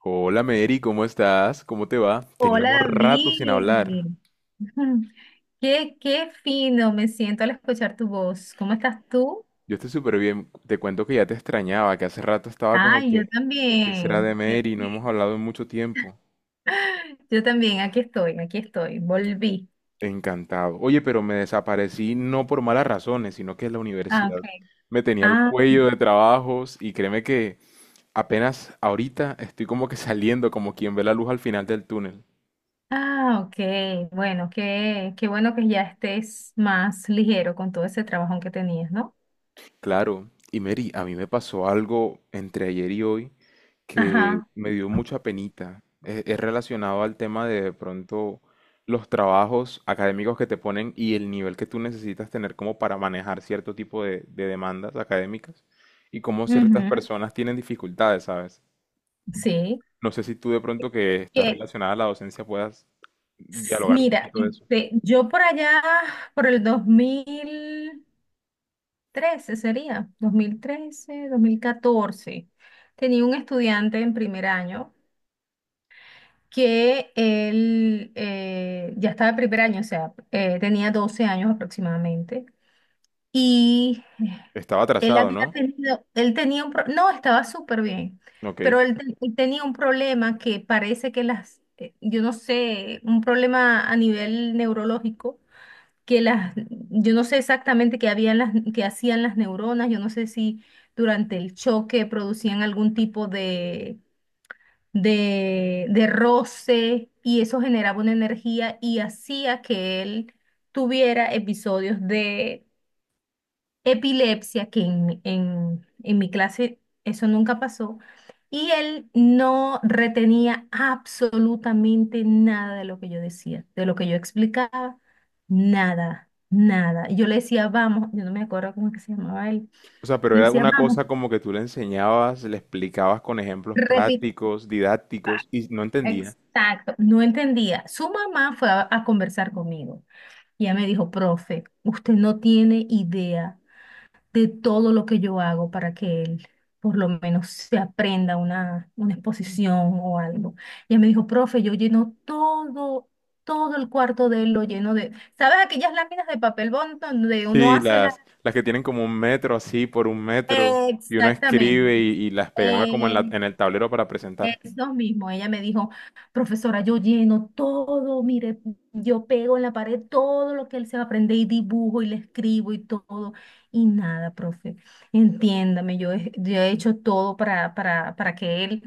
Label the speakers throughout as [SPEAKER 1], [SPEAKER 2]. [SPEAKER 1] Hola Mary, ¿cómo estás? ¿Cómo te va? Teníamos
[SPEAKER 2] Hola
[SPEAKER 1] rato sin hablar.
[SPEAKER 2] David, qué fino me siento al escuchar tu voz. ¿Cómo estás tú?
[SPEAKER 1] Yo estoy súper bien. Te cuento que ya te extrañaba, que hace rato estaba como
[SPEAKER 2] Ay, yo
[SPEAKER 1] que, ¿qué será de
[SPEAKER 2] también, yo
[SPEAKER 1] Mary? No hemos
[SPEAKER 2] también.
[SPEAKER 1] hablado en mucho tiempo.
[SPEAKER 2] Yo también, aquí estoy, volví.
[SPEAKER 1] Encantado. Oye, pero me desaparecí no por malas razones, sino que la
[SPEAKER 2] Ah,
[SPEAKER 1] universidad
[SPEAKER 2] ok.
[SPEAKER 1] me tenía el
[SPEAKER 2] Ah,
[SPEAKER 1] cuello de trabajos y créeme que apenas ahorita estoy como que saliendo, como quien ve la luz al final del túnel.
[SPEAKER 2] ah, ok. Bueno, qué bueno que ya estés más ligero con todo ese trabajo que tenías, ¿no?
[SPEAKER 1] Claro, y Mary, a mí me pasó algo entre ayer y hoy que
[SPEAKER 2] Ajá.
[SPEAKER 1] me dio mucha penita. Es relacionado al tema de pronto los trabajos académicos que te ponen y el nivel que tú necesitas tener como para manejar cierto tipo de demandas académicas y cómo ciertas
[SPEAKER 2] Ujú,
[SPEAKER 1] personas tienen dificultades, ¿sabes?
[SPEAKER 2] sí.
[SPEAKER 1] No sé si tú de pronto que estás
[SPEAKER 2] Que,
[SPEAKER 1] relacionada a la docencia puedas dialogar un
[SPEAKER 2] Mira,
[SPEAKER 1] poquito de eso.
[SPEAKER 2] este, yo por allá, por el 2013 sería, 2013 2014. Tenía un estudiante en primer año que él ya estaba en primer año, o sea, tenía 12 años aproximadamente. Y
[SPEAKER 1] Estaba atrasado, ¿no?
[SPEAKER 2] él tenía no, estaba súper bien,
[SPEAKER 1] Ok.
[SPEAKER 2] pero él tenía un problema que parece que yo no sé, un problema a nivel neurológico, que yo no sé exactamente qué hacían las neuronas. Yo no sé si durante el choque producían algún tipo de roce y eso generaba una energía y hacía que él tuviera episodios de epilepsia, que en mi clase eso nunca pasó, y él no retenía absolutamente nada de lo que yo decía, de lo que yo explicaba, nada, nada. Y yo le decía, vamos, yo no me acuerdo cómo es que se llamaba él,
[SPEAKER 1] O sea, pero
[SPEAKER 2] le
[SPEAKER 1] era
[SPEAKER 2] decía,
[SPEAKER 1] una
[SPEAKER 2] vamos,
[SPEAKER 1] cosa como que tú le enseñabas, le explicabas con ejemplos
[SPEAKER 2] repite.
[SPEAKER 1] prácticos, didácticos, y no entendía.
[SPEAKER 2] Exacto, no entendía. Su mamá fue a conversar conmigo y ella me dijo, profe, usted no tiene idea de todo lo que yo hago para que él por lo menos se aprenda una exposición o algo. Y él me dijo, profe, yo lleno todo, todo el cuarto de él lo lleno de, ¿sabes aquellas láminas de papel bond donde uno
[SPEAKER 1] Sí,
[SPEAKER 2] hace la?
[SPEAKER 1] las que tienen como un metro así por un metro, y uno escribe
[SPEAKER 2] Exactamente.
[SPEAKER 1] y las pegaba como en
[SPEAKER 2] Eh,
[SPEAKER 1] el tablero para presentar.
[SPEAKER 2] Eso mismo, ella me dijo, profesora, yo lleno todo, mire, yo pego en la pared todo lo que él se va a aprender, y dibujo y le escribo y todo, y nada, profe, entiéndame, yo he hecho todo para que él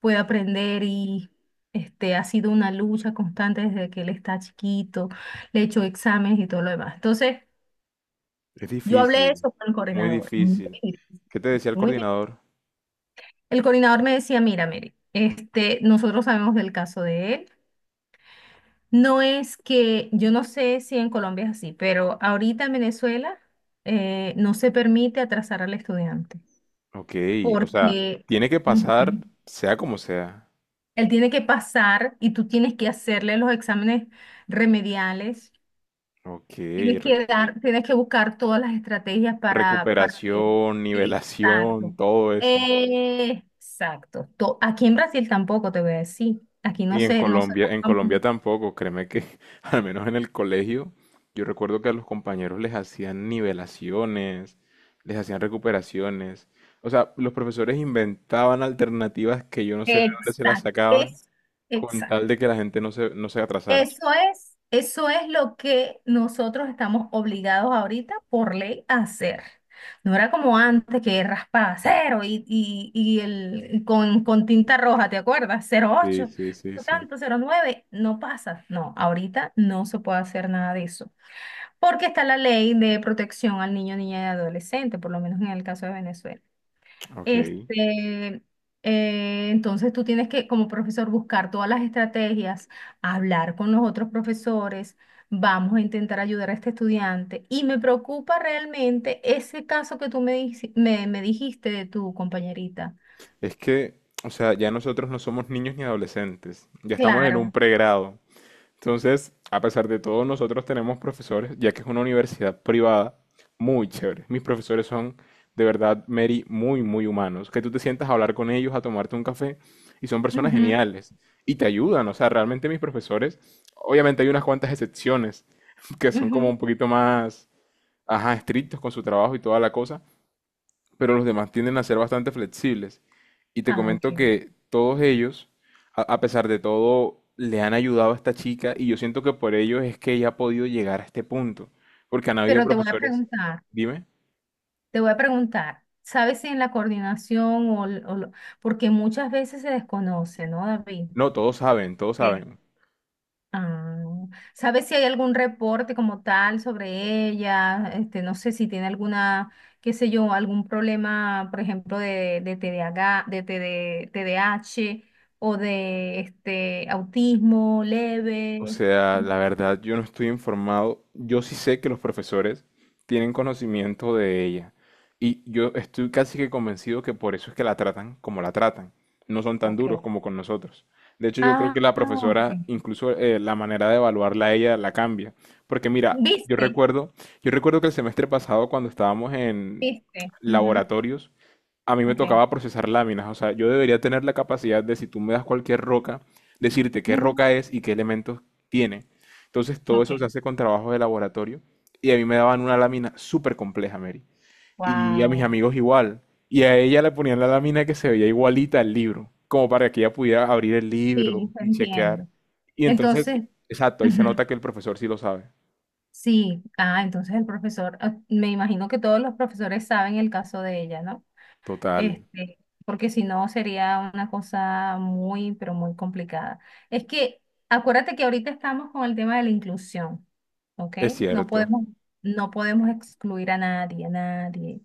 [SPEAKER 2] pueda aprender y, este, ha sido una lucha constante desde que él está chiquito, le he hecho exámenes y todo lo demás. Entonces,
[SPEAKER 1] Es
[SPEAKER 2] yo hablé
[SPEAKER 1] difícil,
[SPEAKER 2] eso con el
[SPEAKER 1] muy
[SPEAKER 2] coordinador. Mm.
[SPEAKER 1] difícil. ¿Qué te decía el
[SPEAKER 2] Muy bien.
[SPEAKER 1] coordinador?
[SPEAKER 2] El coordinador me decía, mira, Mary, este, nosotros sabemos del caso de él. No es que, yo no sé si en Colombia es así, pero ahorita en Venezuela no se permite atrasar al estudiante
[SPEAKER 1] Ok, o sea,
[SPEAKER 2] porque,
[SPEAKER 1] tiene que pasar
[SPEAKER 2] ujú,
[SPEAKER 1] sea como sea.
[SPEAKER 2] él tiene que pasar y tú tienes que hacerle los exámenes remediales,
[SPEAKER 1] Ok,
[SPEAKER 2] tienes
[SPEAKER 1] re-
[SPEAKER 2] que dar, tienes que buscar todas las estrategias para que...
[SPEAKER 1] recuperación, nivelación,
[SPEAKER 2] Exacto.
[SPEAKER 1] todo eso.
[SPEAKER 2] Exacto. Aquí en Brasil tampoco te voy a decir. Aquí no
[SPEAKER 1] Y
[SPEAKER 2] se, no se...
[SPEAKER 1] En Colombia tampoco, créeme que al menos en el colegio, yo recuerdo que a los compañeros les hacían nivelaciones, les hacían recuperaciones. O sea, los profesores inventaban alternativas que yo no sé de dónde se las
[SPEAKER 2] Exacto.
[SPEAKER 1] sacaban con tal
[SPEAKER 2] Exacto.
[SPEAKER 1] de que la gente no se atrasara.
[SPEAKER 2] Eso es lo que nosotros estamos obligados ahorita por ley a hacer. No era como antes que raspaba cero y con tinta roja, ¿te acuerdas?
[SPEAKER 1] Sí,
[SPEAKER 2] 08,
[SPEAKER 1] sí, sí,
[SPEAKER 2] no
[SPEAKER 1] sí.
[SPEAKER 2] tanto, 09, no pasa. No, ahorita no se puede hacer nada de eso, porque está la ley de protección al niño, niña y adolescente, por lo menos en el caso de Venezuela.
[SPEAKER 1] Ok.
[SPEAKER 2] Este, entonces tú tienes que, como profesor, buscar todas las estrategias, hablar con los otros profesores, vamos a intentar ayudar a este estudiante. Y me preocupa realmente ese caso que tú me dijiste de tu compañerita.
[SPEAKER 1] Es que, o sea, ya nosotros no somos niños ni adolescentes, ya estamos en un
[SPEAKER 2] Claro.
[SPEAKER 1] pregrado. Entonces, a pesar de todo, nosotros tenemos profesores, ya que es una universidad privada, muy chévere. Mis profesores son, de verdad, Mary, muy, muy humanos. Que tú te sientas a hablar con ellos, a tomarte un café, y son personas
[SPEAKER 2] Ujú,
[SPEAKER 1] geniales. Y te ayudan, o sea, realmente mis profesores, obviamente hay unas cuantas excepciones que son como
[SPEAKER 2] ujú.
[SPEAKER 1] un poquito más, ajá, estrictos con su trabajo y toda la cosa, pero los demás tienden a ser bastante flexibles. Y te
[SPEAKER 2] Ah, ok.
[SPEAKER 1] comento que todos ellos, a pesar de todo, le han ayudado a esta chica y yo siento que por ellos es que ella ha podido llegar a este punto, porque han habido
[SPEAKER 2] Pero te voy a
[SPEAKER 1] profesores,
[SPEAKER 2] preguntar,
[SPEAKER 1] dime,
[SPEAKER 2] ¿sabes si en la coordinación o, l- o lo- porque muchas veces se desconoce, ¿no, David?
[SPEAKER 1] no, todos saben, todos saben.
[SPEAKER 2] Ah, ¿sabes si hay algún reporte como tal sobre ella? Este, no sé si tiene alguna, qué sé yo, algún problema, por ejemplo, de TDAH, de TD TDAH o de este autismo
[SPEAKER 1] O
[SPEAKER 2] leve.
[SPEAKER 1] sea, la verdad, yo no estoy informado. Yo sí sé que los profesores tienen conocimiento de ella. Y yo estoy casi que convencido que por eso es que la tratan como la tratan. No son tan
[SPEAKER 2] Ok.
[SPEAKER 1] duros como con nosotros. De hecho, yo creo
[SPEAKER 2] Ah,
[SPEAKER 1] que la
[SPEAKER 2] ah,
[SPEAKER 1] profesora,
[SPEAKER 2] ok.
[SPEAKER 1] incluso la manera de evaluarla a ella la cambia. Porque mira,
[SPEAKER 2] ¿Viste?
[SPEAKER 1] yo recuerdo que el semestre pasado cuando estábamos en
[SPEAKER 2] ¿Viste? Ujú,
[SPEAKER 1] laboratorios, a mí me
[SPEAKER 2] ok.
[SPEAKER 1] tocaba procesar láminas. O sea, yo debería tener la capacidad de, si tú me das cualquier roca, decirte qué
[SPEAKER 2] Ujú,
[SPEAKER 1] roca es y qué elementos tiene. Entonces todo
[SPEAKER 2] ok.
[SPEAKER 1] eso se hace con trabajos de laboratorio y a mí me daban una lámina súper compleja, Mary. Y a mis
[SPEAKER 2] Wow.
[SPEAKER 1] amigos igual. Y a ella le ponían la lámina que se veía igualita al libro, como para que ella pudiera abrir el
[SPEAKER 2] Sí,
[SPEAKER 1] libro
[SPEAKER 2] te
[SPEAKER 1] y chequear.
[SPEAKER 2] entiendo.
[SPEAKER 1] Y entonces,
[SPEAKER 2] Entonces,
[SPEAKER 1] exacto, ahí se
[SPEAKER 2] ujú.
[SPEAKER 1] nota que el profesor sí lo sabe.
[SPEAKER 2] Sí, ah, entonces el profesor, ah, me imagino que todos los profesores saben el caso de ella, ¿no?
[SPEAKER 1] Total,
[SPEAKER 2] Este, porque si no sería una cosa muy, pero muy complicada. Es que acuérdate que ahorita estamos con el tema de la inclusión, ¿ok?
[SPEAKER 1] es
[SPEAKER 2] No
[SPEAKER 1] cierto.
[SPEAKER 2] podemos, no podemos excluir a nadie, a nadie.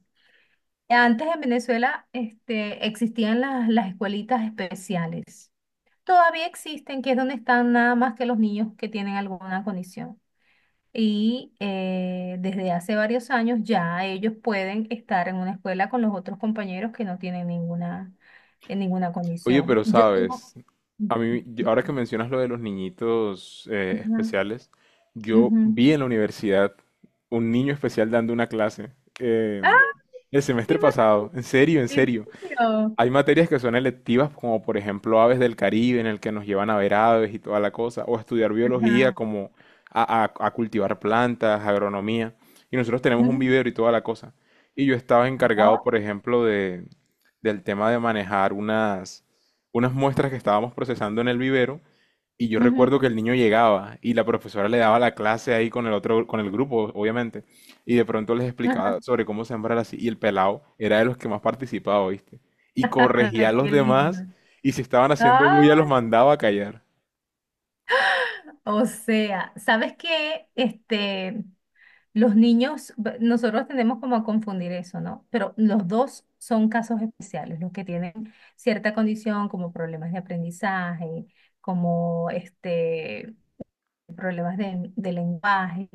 [SPEAKER 2] Antes en Venezuela, este, existían las escuelitas especiales. Todavía existen, que es donde están nada más que los niños que tienen alguna condición. Y desde hace varios años ya ellos pueden estar en una escuela con los otros compañeros que no tienen ninguna, en ninguna
[SPEAKER 1] Oye,
[SPEAKER 2] condición.
[SPEAKER 1] pero
[SPEAKER 2] Yo tengo.
[SPEAKER 1] sabes, a mí, ahora que mencionas lo de los niñitos
[SPEAKER 2] Ajá,
[SPEAKER 1] especiales, yo
[SPEAKER 2] ujú.
[SPEAKER 1] vi en la universidad un niño especial dando una clase eh,
[SPEAKER 2] ¡Ah,
[SPEAKER 1] el
[SPEAKER 2] qué
[SPEAKER 1] semestre pasado,
[SPEAKER 2] maravilla!
[SPEAKER 1] en serio, en
[SPEAKER 2] ¿En
[SPEAKER 1] serio.
[SPEAKER 2] serio?
[SPEAKER 1] Hay materias que son electivas, como por ejemplo Aves del Caribe, en el que nos llevan a ver aves y toda la cosa, o a estudiar biología,
[SPEAKER 2] Ajá,
[SPEAKER 1] como a, a cultivar plantas, agronomía. Y nosotros tenemos un
[SPEAKER 2] ujú.
[SPEAKER 1] vivero y toda la cosa. Y yo estaba encargado,
[SPEAKER 2] Oh,
[SPEAKER 1] por ejemplo, de, del tema de manejar unas, unas muestras que estábamos procesando en el vivero. Y yo
[SPEAKER 2] ujú.
[SPEAKER 1] recuerdo que el niño llegaba y la profesora le daba la clase ahí con el otro, con el grupo, obviamente. Y de pronto les
[SPEAKER 2] Ajá,
[SPEAKER 1] explicaba sobre cómo sembrar así. Y el pelado era de los que más participaba, ¿viste? Y corregía a
[SPEAKER 2] ay,
[SPEAKER 1] los
[SPEAKER 2] qué lindo.
[SPEAKER 1] demás y si estaban haciendo
[SPEAKER 2] Ah,
[SPEAKER 1] bulla los mandaba a callar.
[SPEAKER 2] o sea, ¿sabes qué? Este. Los niños, nosotros tendemos como a confundir eso, ¿no? Pero los dos son casos especiales, los que tienen cierta condición como problemas de aprendizaje, como este, problemas de lenguaje,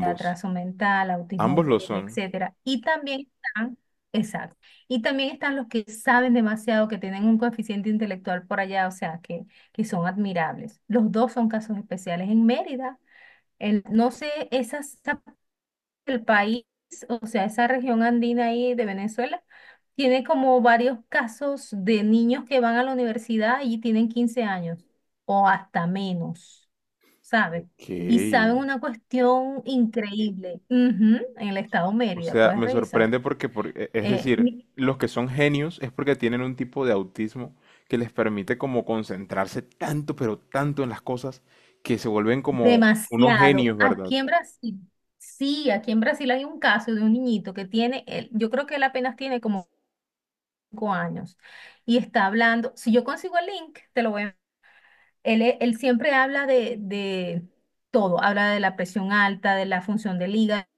[SPEAKER 2] de atraso mental, autismo
[SPEAKER 1] ambos lo
[SPEAKER 2] leve,
[SPEAKER 1] son.
[SPEAKER 2] etcétera. Y también están, exacto, y también están los que saben demasiado, que tienen un coeficiente intelectual por allá, o sea, que son admirables. Los dos son casos especiales en Mérida. No sé, esas, el país, o sea, esa región andina ahí de Venezuela, tiene como varios casos de niños que van a la universidad y tienen 15 años o hasta menos, ¿sabes?
[SPEAKER 1] Ok.
[SPEAKER 2] Y saben una cuestión increíble. Ujú, en el estado
[SPEAKER 1] O
[SPEAKER 2] Mérida,
[SPEAKER 1] sea,
[SPEAKER 2] puedes
[SPEAKER 1] me
[SPEAKER 2] revisar.
[SPEAKER 1] sorprende porque, es
[SPEAKER 2] Eh,
[SPEAKER 1] decir,
[SPEAKER 2] mi-
[SPEAKER 1] los que son genios es porque tienen un tipo de autismo que les permite como concentrarse tanto, pero tanto en las cosas que se vuelven como unos
[SPEAKER 2] Demasiado.
[SPEAKER 1] genios, ¿verdad?
[SPEAKER 2] Aquí en Brasil, sí, aquí en Brasil hay un caso de un niñito que tiene, yo creo que él apenas tiene como 5 años y está hablando. Si yo consigo el link, te lo voy a. Él siempre habla de todo, habla de la presión alta, de la función del hígado, del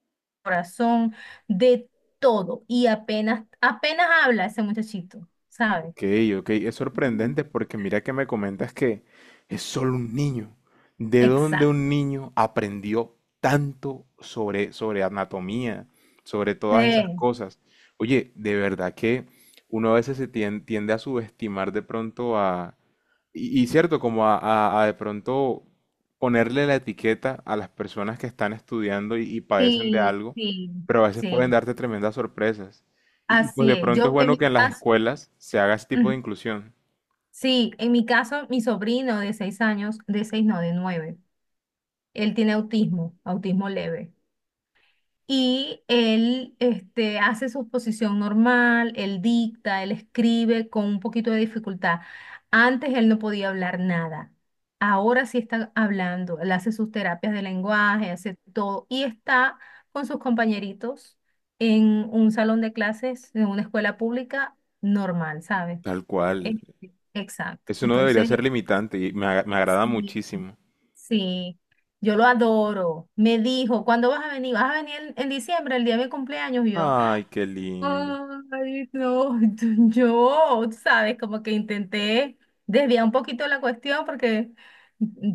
[SPEAKER 2] corazón, de todo. Y apenas, apenas habla ese muchachito, ¿sabes?
[SPEAKER 1] Ok, ok, es
[SPEAKER 2] Ujú.
[SPEAKER 1] sorprendente porque mira que me comentas que es solo un niño. ¿De dónde
[SPEAKER 2] Exacto.
[SPEAKER 1] un niño aprendió tanto sobre, sobre anatomía, sobre todas esas
[SPEAKER 2] Eh,
[SPEAKER 1] cosas? Oye, de verdad que uno a veces tiende a subestimar de pronto a, y cierto, como a, a de pronto ponerle la etiqueta a las personas que están estudiando y padecen de
[SPEAKER 2] Sí,
[SPEAKER 1] algo,
[SPEAKER 2] sí,
[SPEAKER 1] pero a veces pueden
[SPEAKER 2] sí,
[SPEAKER 1] darte tremendas sorpresas. Y pues
[SPEAKER 2] así
[SPEAKER 1] de
[SPEAKER 2] es.
[SPEAKER 1] pronto es
[SPEAKER 2] Yo en
[SPEAKER 1] bueno
[SPEAKER 2] mi
[SPEAKER 1] que en las
[SPEAKER 2] caso,
[SPEAKER 1] escuelas se haga ese tipo
[SPEAKER 2] ujú,
[SPEAKER 1] de inclusión.
[SPEAKER 2] sí, en mi caso, mi sobrino de 6 años, de seis, no, de nueve, él tiene autismo, autismo leve. Y él, este, hace su posición normal, él dicta, él escribe con un poquito de dificultad. Antes él no podía hablar nada. Ahora sí está hablando. Él hace sus terapias de lenguaje, hace todo. Y está con sus compañeritos en un salón de clases, en una escuela pública normal, ¿sabes?
[SPEAKER 1] Tal cual.
[SPEAKER 2] Este, exacto.
[SPEAKER 1] Eso no debería
[SPEAKER 2] Entonces,
[SPEAKER 1] ser limitante y me agrada
[SPEAKER 2] sí,
[SPEAKER 1] muchísimo.
[SPEAKER 2] sí. Yo lo adoro. Me dijo, ¿cuándo vas a venir? ¿Vas a venir en, diciembre, el día de mi cumpleaños? Y yo,
[SPEAKER 1] Ay, qué lindo.
[SPEAKER 2] ay, no, yo, tú sabes, como que intenté desviar un poquito la cuestión porque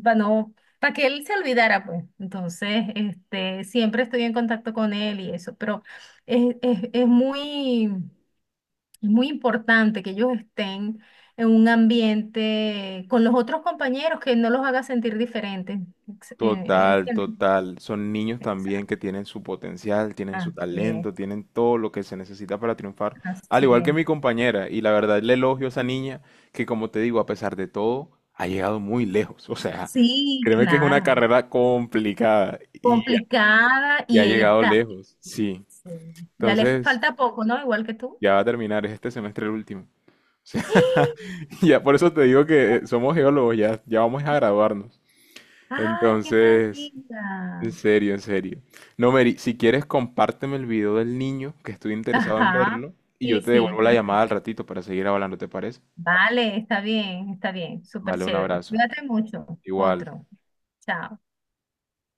[SPEAKER 2] para no, para que él se olvidara, pues. Entonces, este, siempre estoy en contacto con él y eso, pero es, es, es muy, es muy importante que ellos estén en un ambiente con los otros compañeros que no los haga sentir diferentes.
[SPEAKER 1] Total,
[SPEAKER 2] ¿Entiendes?
[SPEAKER 1] total. Son niños también que
[SPEAKER 2] Exacto.
[SPEAKER 1] tienen su potencial, tienen su
[SPEAKER 2] Así es,
[SPEAKER 1] talento, tienen todo lo que se necesita para triunfar. Al
[SPEAKER 2] así
[SPEAKER 1] igual que
[SPEAKER 2] es.
[SPEAKER 1] mi compañera, y la verdad le elogio a esa niña que, como te digo, a pesar de todo, ha llegado muy lejos. O sea,
[SPEAKER 2] Sí,
[SPEAKER 1] créeme que es una
[SPEAKER 2] claro.
[SPEAKER 1] carrera complicada
[SPEAKER 2] Complicada
[SPEAKER 1] y ha
[SPEAKER 2] y ella
[SPEAKER 1] llegado
[SPEAKER 2] está.
[SPEAKER 1] lejos. Sí.
[SPEAKER 2] Sí. Ya le
[SPEAKER 1] Entonces,
[SPEAKER 2] falta poco, ¿no? Igual que tú.
[SPEAKER 1] ya va a terminar, es este semestre el último. O sea,
[SPEAKER 2] ¡Ah!
[SPEAKER 1] ya por eso te digo que somos geólogos, ya, ya vamos a graduarnos.
[SPEAKER 2] ¡Ay, qué
[SPEAKER 1] Entonces... En
[SPEAKER 2] maravilla!
[SPEAKER 1] serio, en serio. No, Mary, si quieres, compárteme el video del niño, que estoy interesado en
[SPEAKER 2] Ajá.
[SPEAKER 1] verlo, y yo
[SPEAKER 2] Sí,
[SPEAKER 1] te
[SPEAKER 2] sí,
[SPEAKER 1] devuelvo la llamada
[SPEAKER 2] perfecto.
[SPEAKER 1] al ratito para seguir hablando, ¿te parece?
[SPEAKER 2] Vale, está bien, está bien. Súper
[SPEAKER 1] Vale, un
[SPEAKER 2] chévere.
[SPEAKER 1] abrazo.
[SPEAKER 2] Cuídate mucho.
[SPEAKER 1] Igual.
[SPEAKER 2] Otro. Chao.